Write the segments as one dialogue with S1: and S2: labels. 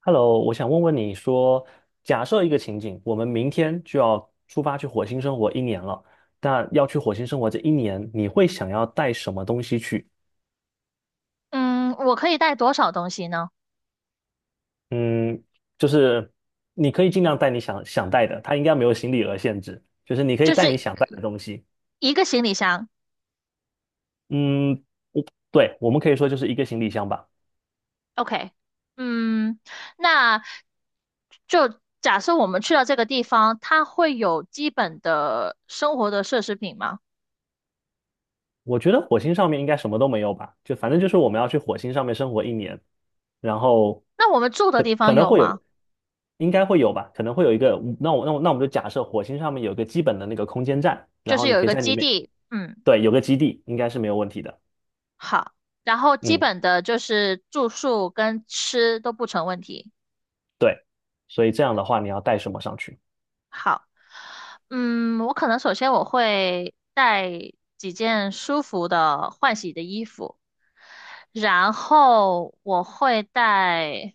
S1: Hello，我想问问你说，假设一个情景，我们明天就要出发去火星生活一年了，那要去火星生活这一年，你会想要带什么东西去？
S2: 嗯，我可以带多少东西呢？
S1: 嗯，就是你可以尽量带你想想带的，它应该没有行李额限制，就是你可以
S2: 就
S1: 带
S2: 是
S1: 你想带的东西。
S2: 一个行李箱。
S1: 嗯，对，我们可以说就是一个行李箱吧。
S2: OK，嗯，那就假设我们去到这个地方，它会有基本的生活的奢侈品吗？
S1: 我觉得火星上面应该什么都没有吧，就反正就是我们要去火星上面生活一年，然后
S2: 那我们住的
S1: 可
S2: 地方
S1: 可能
S2: 有
S1: 会有，
S2: 吗？
S1: 应该会有吧，可能会有一个，那我们就假设火星上面有个基本的那个空间站，然
S2: 就是
S1: 后你
S2: 有一
S1: 可以
S2: 个
S1: 在里
S2: 基
S1: 面，
S2: 地，嗯，
S1: 对，有个基地应该是没有问题的，
S2: 好，然后基
S1: 嗯，
S2: 本的就是住宿跟吃都不成问题。
S1: 对，所以这样的话你要带什么上去？
S2: 好，嗯，我可能首先我会带几件舒服的换洗的衣服。然后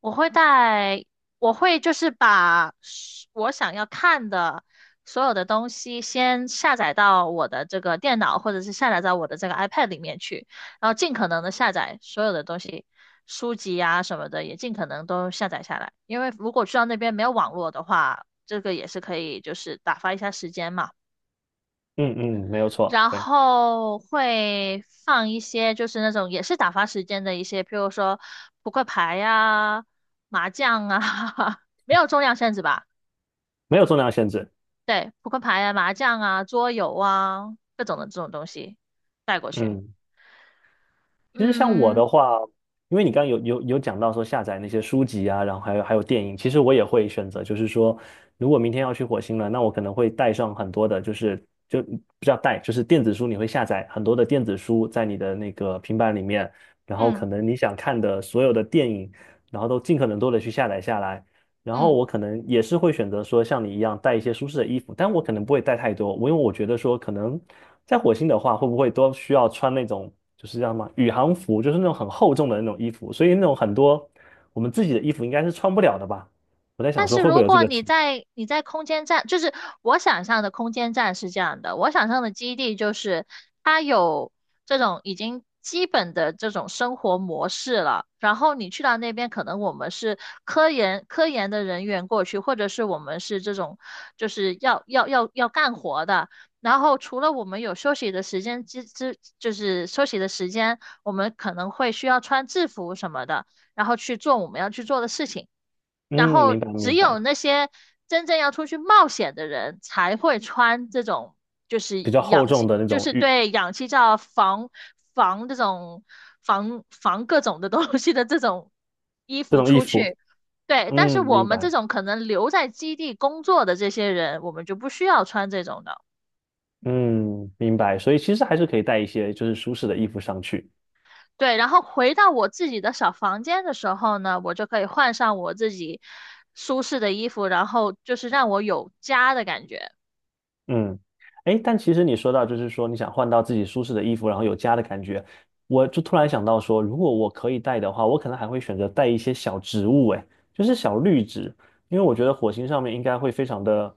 S2: 我会带，我会就是我想要看的所有的东西先下载到我的这个电脑，或者是下载到我的这个 iPad 里面去，然后尽可能的下载所有的东西，书籍啊什么的也尽可能都下载下来，因为如果去到那边没有网络的话，这个也是可以就是打发一下时间嘛。
S1: 嗯嗯，没有错，
S2: 然
S1: 对，
S2: 后会放一些就是那种也是打发时间的一些，譬如说扑克牌呀、麻将啊，没有重量限制吧？
S1: 没有重量限制，
S2: 对，扑克牌啊、麻将啊、桌游啊各种的这种东西带过去。
S1: 嗯。其实像我
S2: 嗯
S1: 的话，因为你刚刚有讲到说下载那些书籍啊，然后还有电影，其实我也会选择，就是说，如果明天要去火星了，那我可能会带上很多的，就是就不叫带，就是电子书，你会下载很多的电子书在你的那个平板里面，然后
S2: 嗯
S1: 可能你想看的所有的电影，然后都尽可能多的去下载下来，然后
S2: 嗯。
S1: 我可能也是会选择说像你一样带一些舒适的衣服，但我可能不会带太多，因为我觉得说可能在火星的话，会不会都需要穿那种就是叫什么宇航服，就是那种很厚重的那种衣服，所以那种很多我们自己的衣服应该是穿不了的吧？我在想
S2: 但
S1: 说
S2: 是
S1: 会不
S2: 如
S1: 会有这
S2: 果
S1: 个
S2: 你
S1: 情况？
S2: 在你在空间站，就是我想象的空间站是这样的，我想象的基地就是它有这种已经基本的这种生活模式了，然后你去到那边，可能我们是科研的人员过去，或者是我们是这种就是要干活的。然后除了我们有休息的时间之之，就是休息的时间，我们可能会需要穿制服什么的。然后去做我们要去做的事情。然
S1: 嗯，
S2: 后
S1: 明白
S2: 只
S1: 明
S2: 有
S1: 白，
S2: 那些真正要出去冒险的人才会穿这种，就是
S1: 比较厚
S2: 氧
S1: 重
S2: 气，
S1: 的那
S2: 就
S1: 种
S2: 是对氧气罩防这种防各种的东西的这种衣
S1: 这
S2: 服
S1: 种衣
S2: 出
S1: 服，
S2: 去。对，但是
S1: 嗯，
S2: 我
S1: 明
S2: 们这
S1: 白，
S2: 种可能留在基地工作的这些人，我们就不需要穿这种的。
S1: 嗯，明白，所以其实还是可以带一些就是舒适的衣服上去。
S2: 对，然后回到我自己的小房间的时候呢，我就可以换上我自己舒适的衣服，然后就是让我有家的感觉。
S1: 嗯，哎，但其实你说到，就是说你想换到自己舒适的衣服，然后有家的感觉，我就突然想到说，如果我可以带的话，我可能还会选择带一些小植物，哎，就是小绿植，因为我觉得火星上面应该会非常的，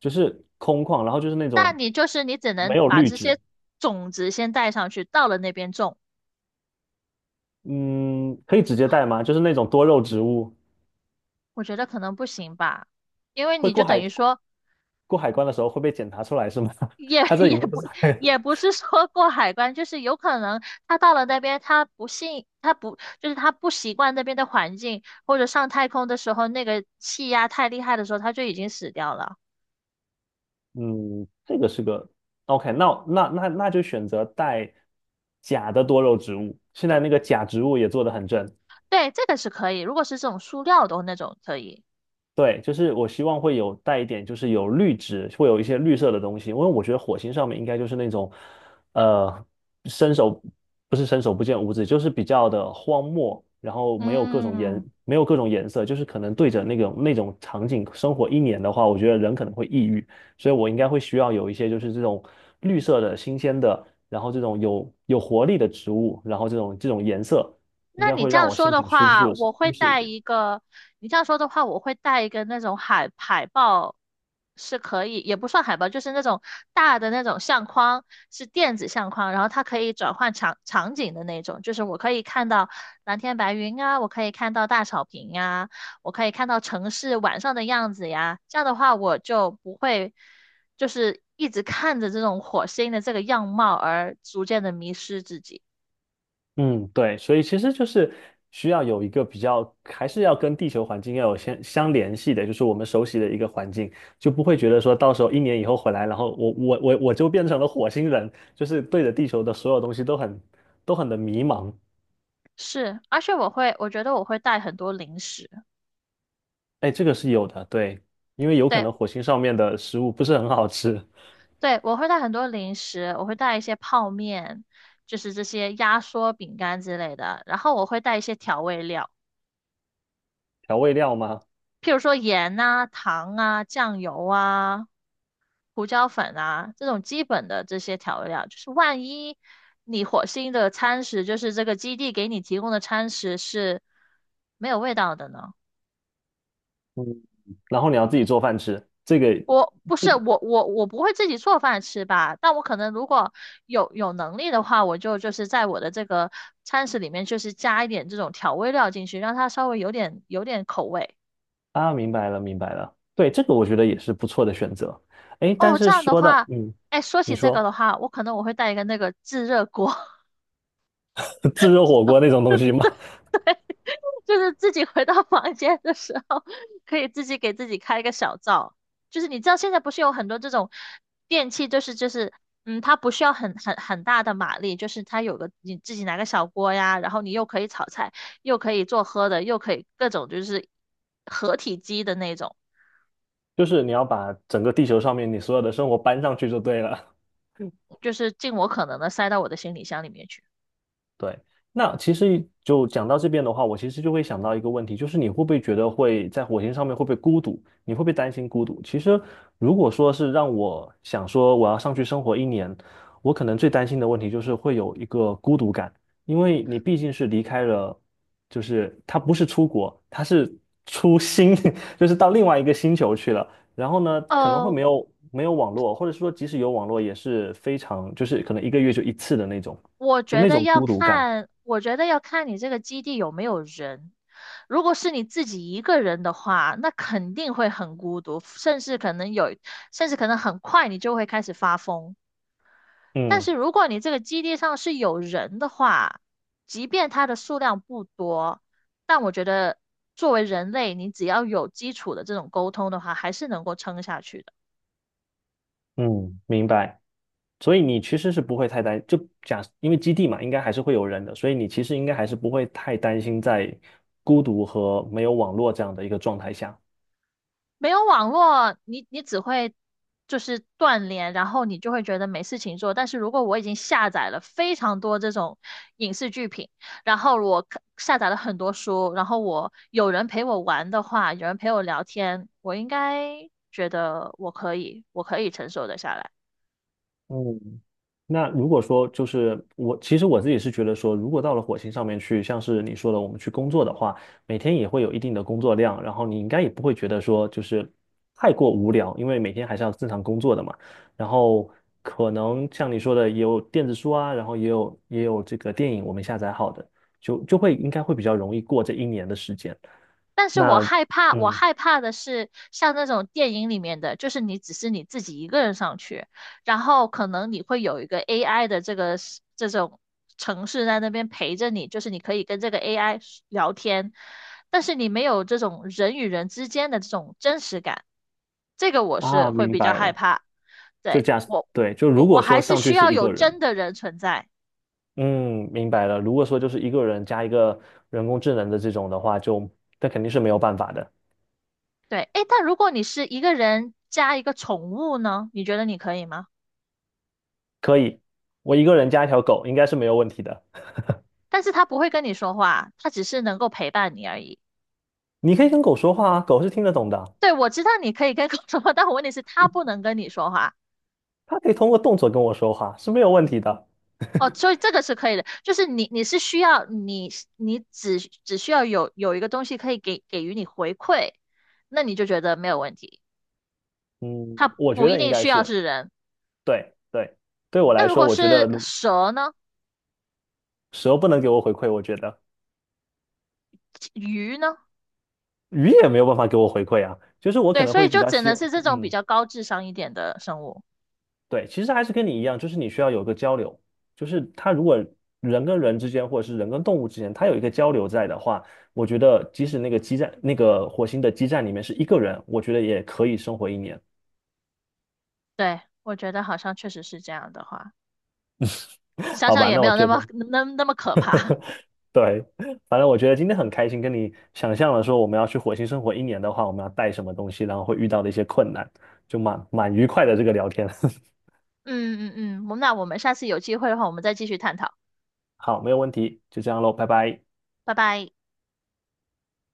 S1: 就是空旷，然后就是那
S2: 那
S1: 种
S2: 你就是你只
S1: 没
S2: 能
S1: 有
S2: 把
S1: 绿
S2: 这
S1: 植，
S2: 些种子先带上去，到了那边种，
S1: 嗯，可以直接带吗？就是那种多肉植物，
S2: 我觉得可能不行吧，因为
S1: 会
S2: 你就等于说
S1: 过海关的时候会被检查出来是吗？
S2: 也
S1: 它 这已
S2: 也
S1: 经不
S2: 不
S1: 是海，
S2: 也不是说过海关，就是有可能他到了那边，他不信，他不就是他不习惯那边的环境，或者上太空的时候那个气压太厉害的时候，他就已经死掉了。
S1: 嗯，这个是个 OK，那就选择带假的多肉植物。现在那个假植物也做得很正，
S2: 对，这个是可以。如果是这种塑料的那种可以，
S1: 对，就是我希望会有带一点，就是有绿植，会有一些绿色的东西，因为我觉得火星上面应该就是那种，呃，伸手不是伸手不见五指，就是比较的荒漠，然后
S2: 嗯，
S1: 没有各种颜色，就是可能对着那种场景生活一年的话，我觉得人可能会抑郁，所以我应该会需要有一些就是这种绿色的、新鲜的，然后这种有活力的植物，然后这种颜色，应
S2: 那
S1: 该
S2: 你
S1: 会
S2: 这
S1: 让
S2: 样
S1: 我
S2: 说
S1: 心
S2: 的
S1: 情舒
S2: 话，
S1: 舒
S2: 我
S1: 舒
S2: 会
S1: 适一
S2: 带
S1: 点。
S2: 一个。你这样说的话，我会带一个那种海报，是可以，也不算海报，就是那种大的那种相框，是电子相框，然后它可以转换场景的那种，就是我可以看到蓝天白云啊，我可以看到大草坪呀，我可以看到城市晚上的样子呀。这样的话，我就不会就是一直看着这种火星的这个样貌而逐渐的迷失自己。
S1: 嗯，对，所以其实就是需要有一个比较，还是要跟地球环境要有相联系的，就是我们熟悉的一个环境，就不会觉得说到时候一年以后回来，然后我就变成了火星人，就是对着地球的所有东西都很的迷茫。
S2: 是，而且我觉得我会带很多零食，
S1: 哎，这个是有的，对，因为有可
S2: 对
S1: 能火星上面的食物不是很好吃，
S2: 对，我会带很多零食，我会带一些泡面，就是这些压缩饼干之类的，然后我会带一些调味料，
S1: 调味料吗？
S2: 譬如说盐啊、糖啊、酱油啊、胡椒粉啊这种基本的这些调味料，就是万一你火星的餐食，就是这个基地给你提供的餐食是没有味道的呢？
S1: 嗯，然后你要自己做饭吃，这个
S2: 我不是我我我不会自己做饭吃吧，但我可能如果有能力的话，就是在我的这个餐食里面，就是加一点这种调味料进去，让它稍微有点口味。
S1: 啊，明白了明白了，对，这个我觉得也是不错的选择。哎，但
S2: 哦，这
S1: 是
S2: 样的
S1: 说到
S2: 话，哎，说
S1: 你
S2: 起这个
S1: 说。
S2: 的话，我可能我会带一个那个自热锅。
S1: 自热火锅那种东西吗？
S2: 就是自己回到房间的时候，可以自己给自己开一个小灶。就是你知道现在不是有很多这种电器，就是嗯，它不需要很大的马力，就是它有个你自己拿个小锅呀，然后你又可以炒菜，又可以做喝的，又可以各种就是合体机的那种，
S1: 就是你要把整个地球上面你所有的生活搬上去就对了。
S2: 就是尽我可能的塞到我的行李箱里面去。
S1: 对，那其实就讲到这边的话，我其实就会想到一个问题，就是你会不会觉得会在火星上面会不会孤独？你会不会担心孤独？其实如果说是让我想说我要上去生活一年，我可能最担心的问题就是会有一个孤独感，因为你毕竟是离开了，就是它不是出国，它是出星，就是到另外一个星球去了。然后呢，可能会
S2: 呃，
S1: 没有网络，或者说即使有网络也是非常，就是可能一个月就一次的那种。就那种孤独感。
S2: 我觉得要看你这个基地有没有人。如果是你自己一个人的话，那肯定会很孤独，甚至可能很快你就会开始发疯。但
S1: 嗯
S2: 是如果你这个基地上是有人的话，即便它的数量不多，但我觉得作为人类，你只要有基础的这种沟通的话，还是能够撑下去的。
S1: 嗯，明白。所以你其实是不会太担，因为基地嘛，应该还是会有人的，所以你其实应该还是不会太担心在孤独和没有网络这样的一个状态下。
S2: 没有网络，你只会就是断联，然后你就会觉得没事情做。但是如果我已经下载了非常多这种影视剧品，然后下载了很多书，然后我有人陪我玩的话，有人陪我聊天，我应该觉得我可以承受得下来。
S1: 嗯，那如果说就是我，其实我自己是觉得说，如果到了火星上面去，像是你说的，我们去工作的话，每天也会有一定的工作量，然后你应该也不会觉得说就是太过无聊，因为每天还是要正常工作的嘛。然后可能像你说的，也有电子书啊，然后也有这个电影我们下载好的，就会应该会比较容易过这一年的时间。
S2: 但是
S1: 那
S2: 我
S1: 嗯
S2: 害怕的是像那种电影里面的，就是你只是你自己一个人上去，然后可能你会有一个 AI 的这种城市在那边陪着你，就是你可以跟这个 AI 聊天，但是你没有这种人与人之间的这种真实感，这个我是会
S1: 明
S2: 比较
S1: 白
S2: 害
S1: 了，
S2: 怕。
S1: 就
S2: 对，
S1: 假，
S2: 我，
S1: 对，就
S2: 我
S1: 如
S2: 我
S1: 果说
S2: 还是
S1: 上去
S2: 需
S1: 是
S2: 要
S1: 一
S2: 有
S1: 个人。
S2: 真的人存在。
S1: 嗯，明白了。如果说就是一个人加一个人工智能的这种的话，就那肯定是没有办法的。
S2: 对，诶，但如果你是一个人加一个宠物呢，你觉得你可以吗？
S1: 可以，我一个人加一条狗应该是没有问题的。
S2: 但是他不会跟你说话，他只是能够陪伴你而已。
S1: 你可以跟狗说话啊，狗是听得懂的，
S2: 对，我知道你可以跟狗说话，但我问题是他不能跟你说话。
S1: 它可以通过动作跟我说话，是没有问题的。
S2: 哦，所以这个是可以的，就是你只需要有一个东西可以给予你回馈，那你就觉得没有问题。
S1: 嗯，
S2: 它
S1: 我
S2: 不
S1: 觉
S2: 一
S1: 得应
S2: 定
S1: 该
S2: 需要
S1: 是
S2: 是人。
S1: 对对，对我
S2: 那
S1: 来
S2: 如
S1: 说，
S2: 果
S1: 我觉得
S2: 是蛇呢？
S1: 蛇不能给我回馈，我觉得
S2: 鱼呢？
S1: 鱼也没有办法给我回馈啊。就是我可
S2: 对，
S1: 能
S2: 所以
S1: 会比
S2: 就
S1: 较
S2: 只
S1: 希
S2: 能
S1: 望，
S2: 是这种比
S1: 嗯。
S2: 较高智商一点的生物。
S1: 对，其实还是跟你一样，就是你需要有个交流，就是他如果人跟人之间，或者是人跟动物之间，他有一个交流在的话，我觉得即使那个基站，那个火星的基站里面是一个人，我觉得也可以生活一年，
S2: 对，我觉得好像确实是这样的话，想
S1: 好
S2: 想
S1: 吧？
S2: 也
S1: 那
S2: 没
S1: 我
S2: 有那
S1: 觉
S2: 么
S1: 得，
S2: 那么可怕。
S1: 对，反正我觉得今天很开心，跟你想象了说我们要去火星生活一年的话，我们要带什么东西，然后会遇到的一些困难，就蛮愉快的这个聊天。
S2: 嗯嗯嗯，嗯我们下次有机会的话，我们再继续探讨，
S1: 好，没有问题，就这样喽，拜拜。
S2: 拜拜。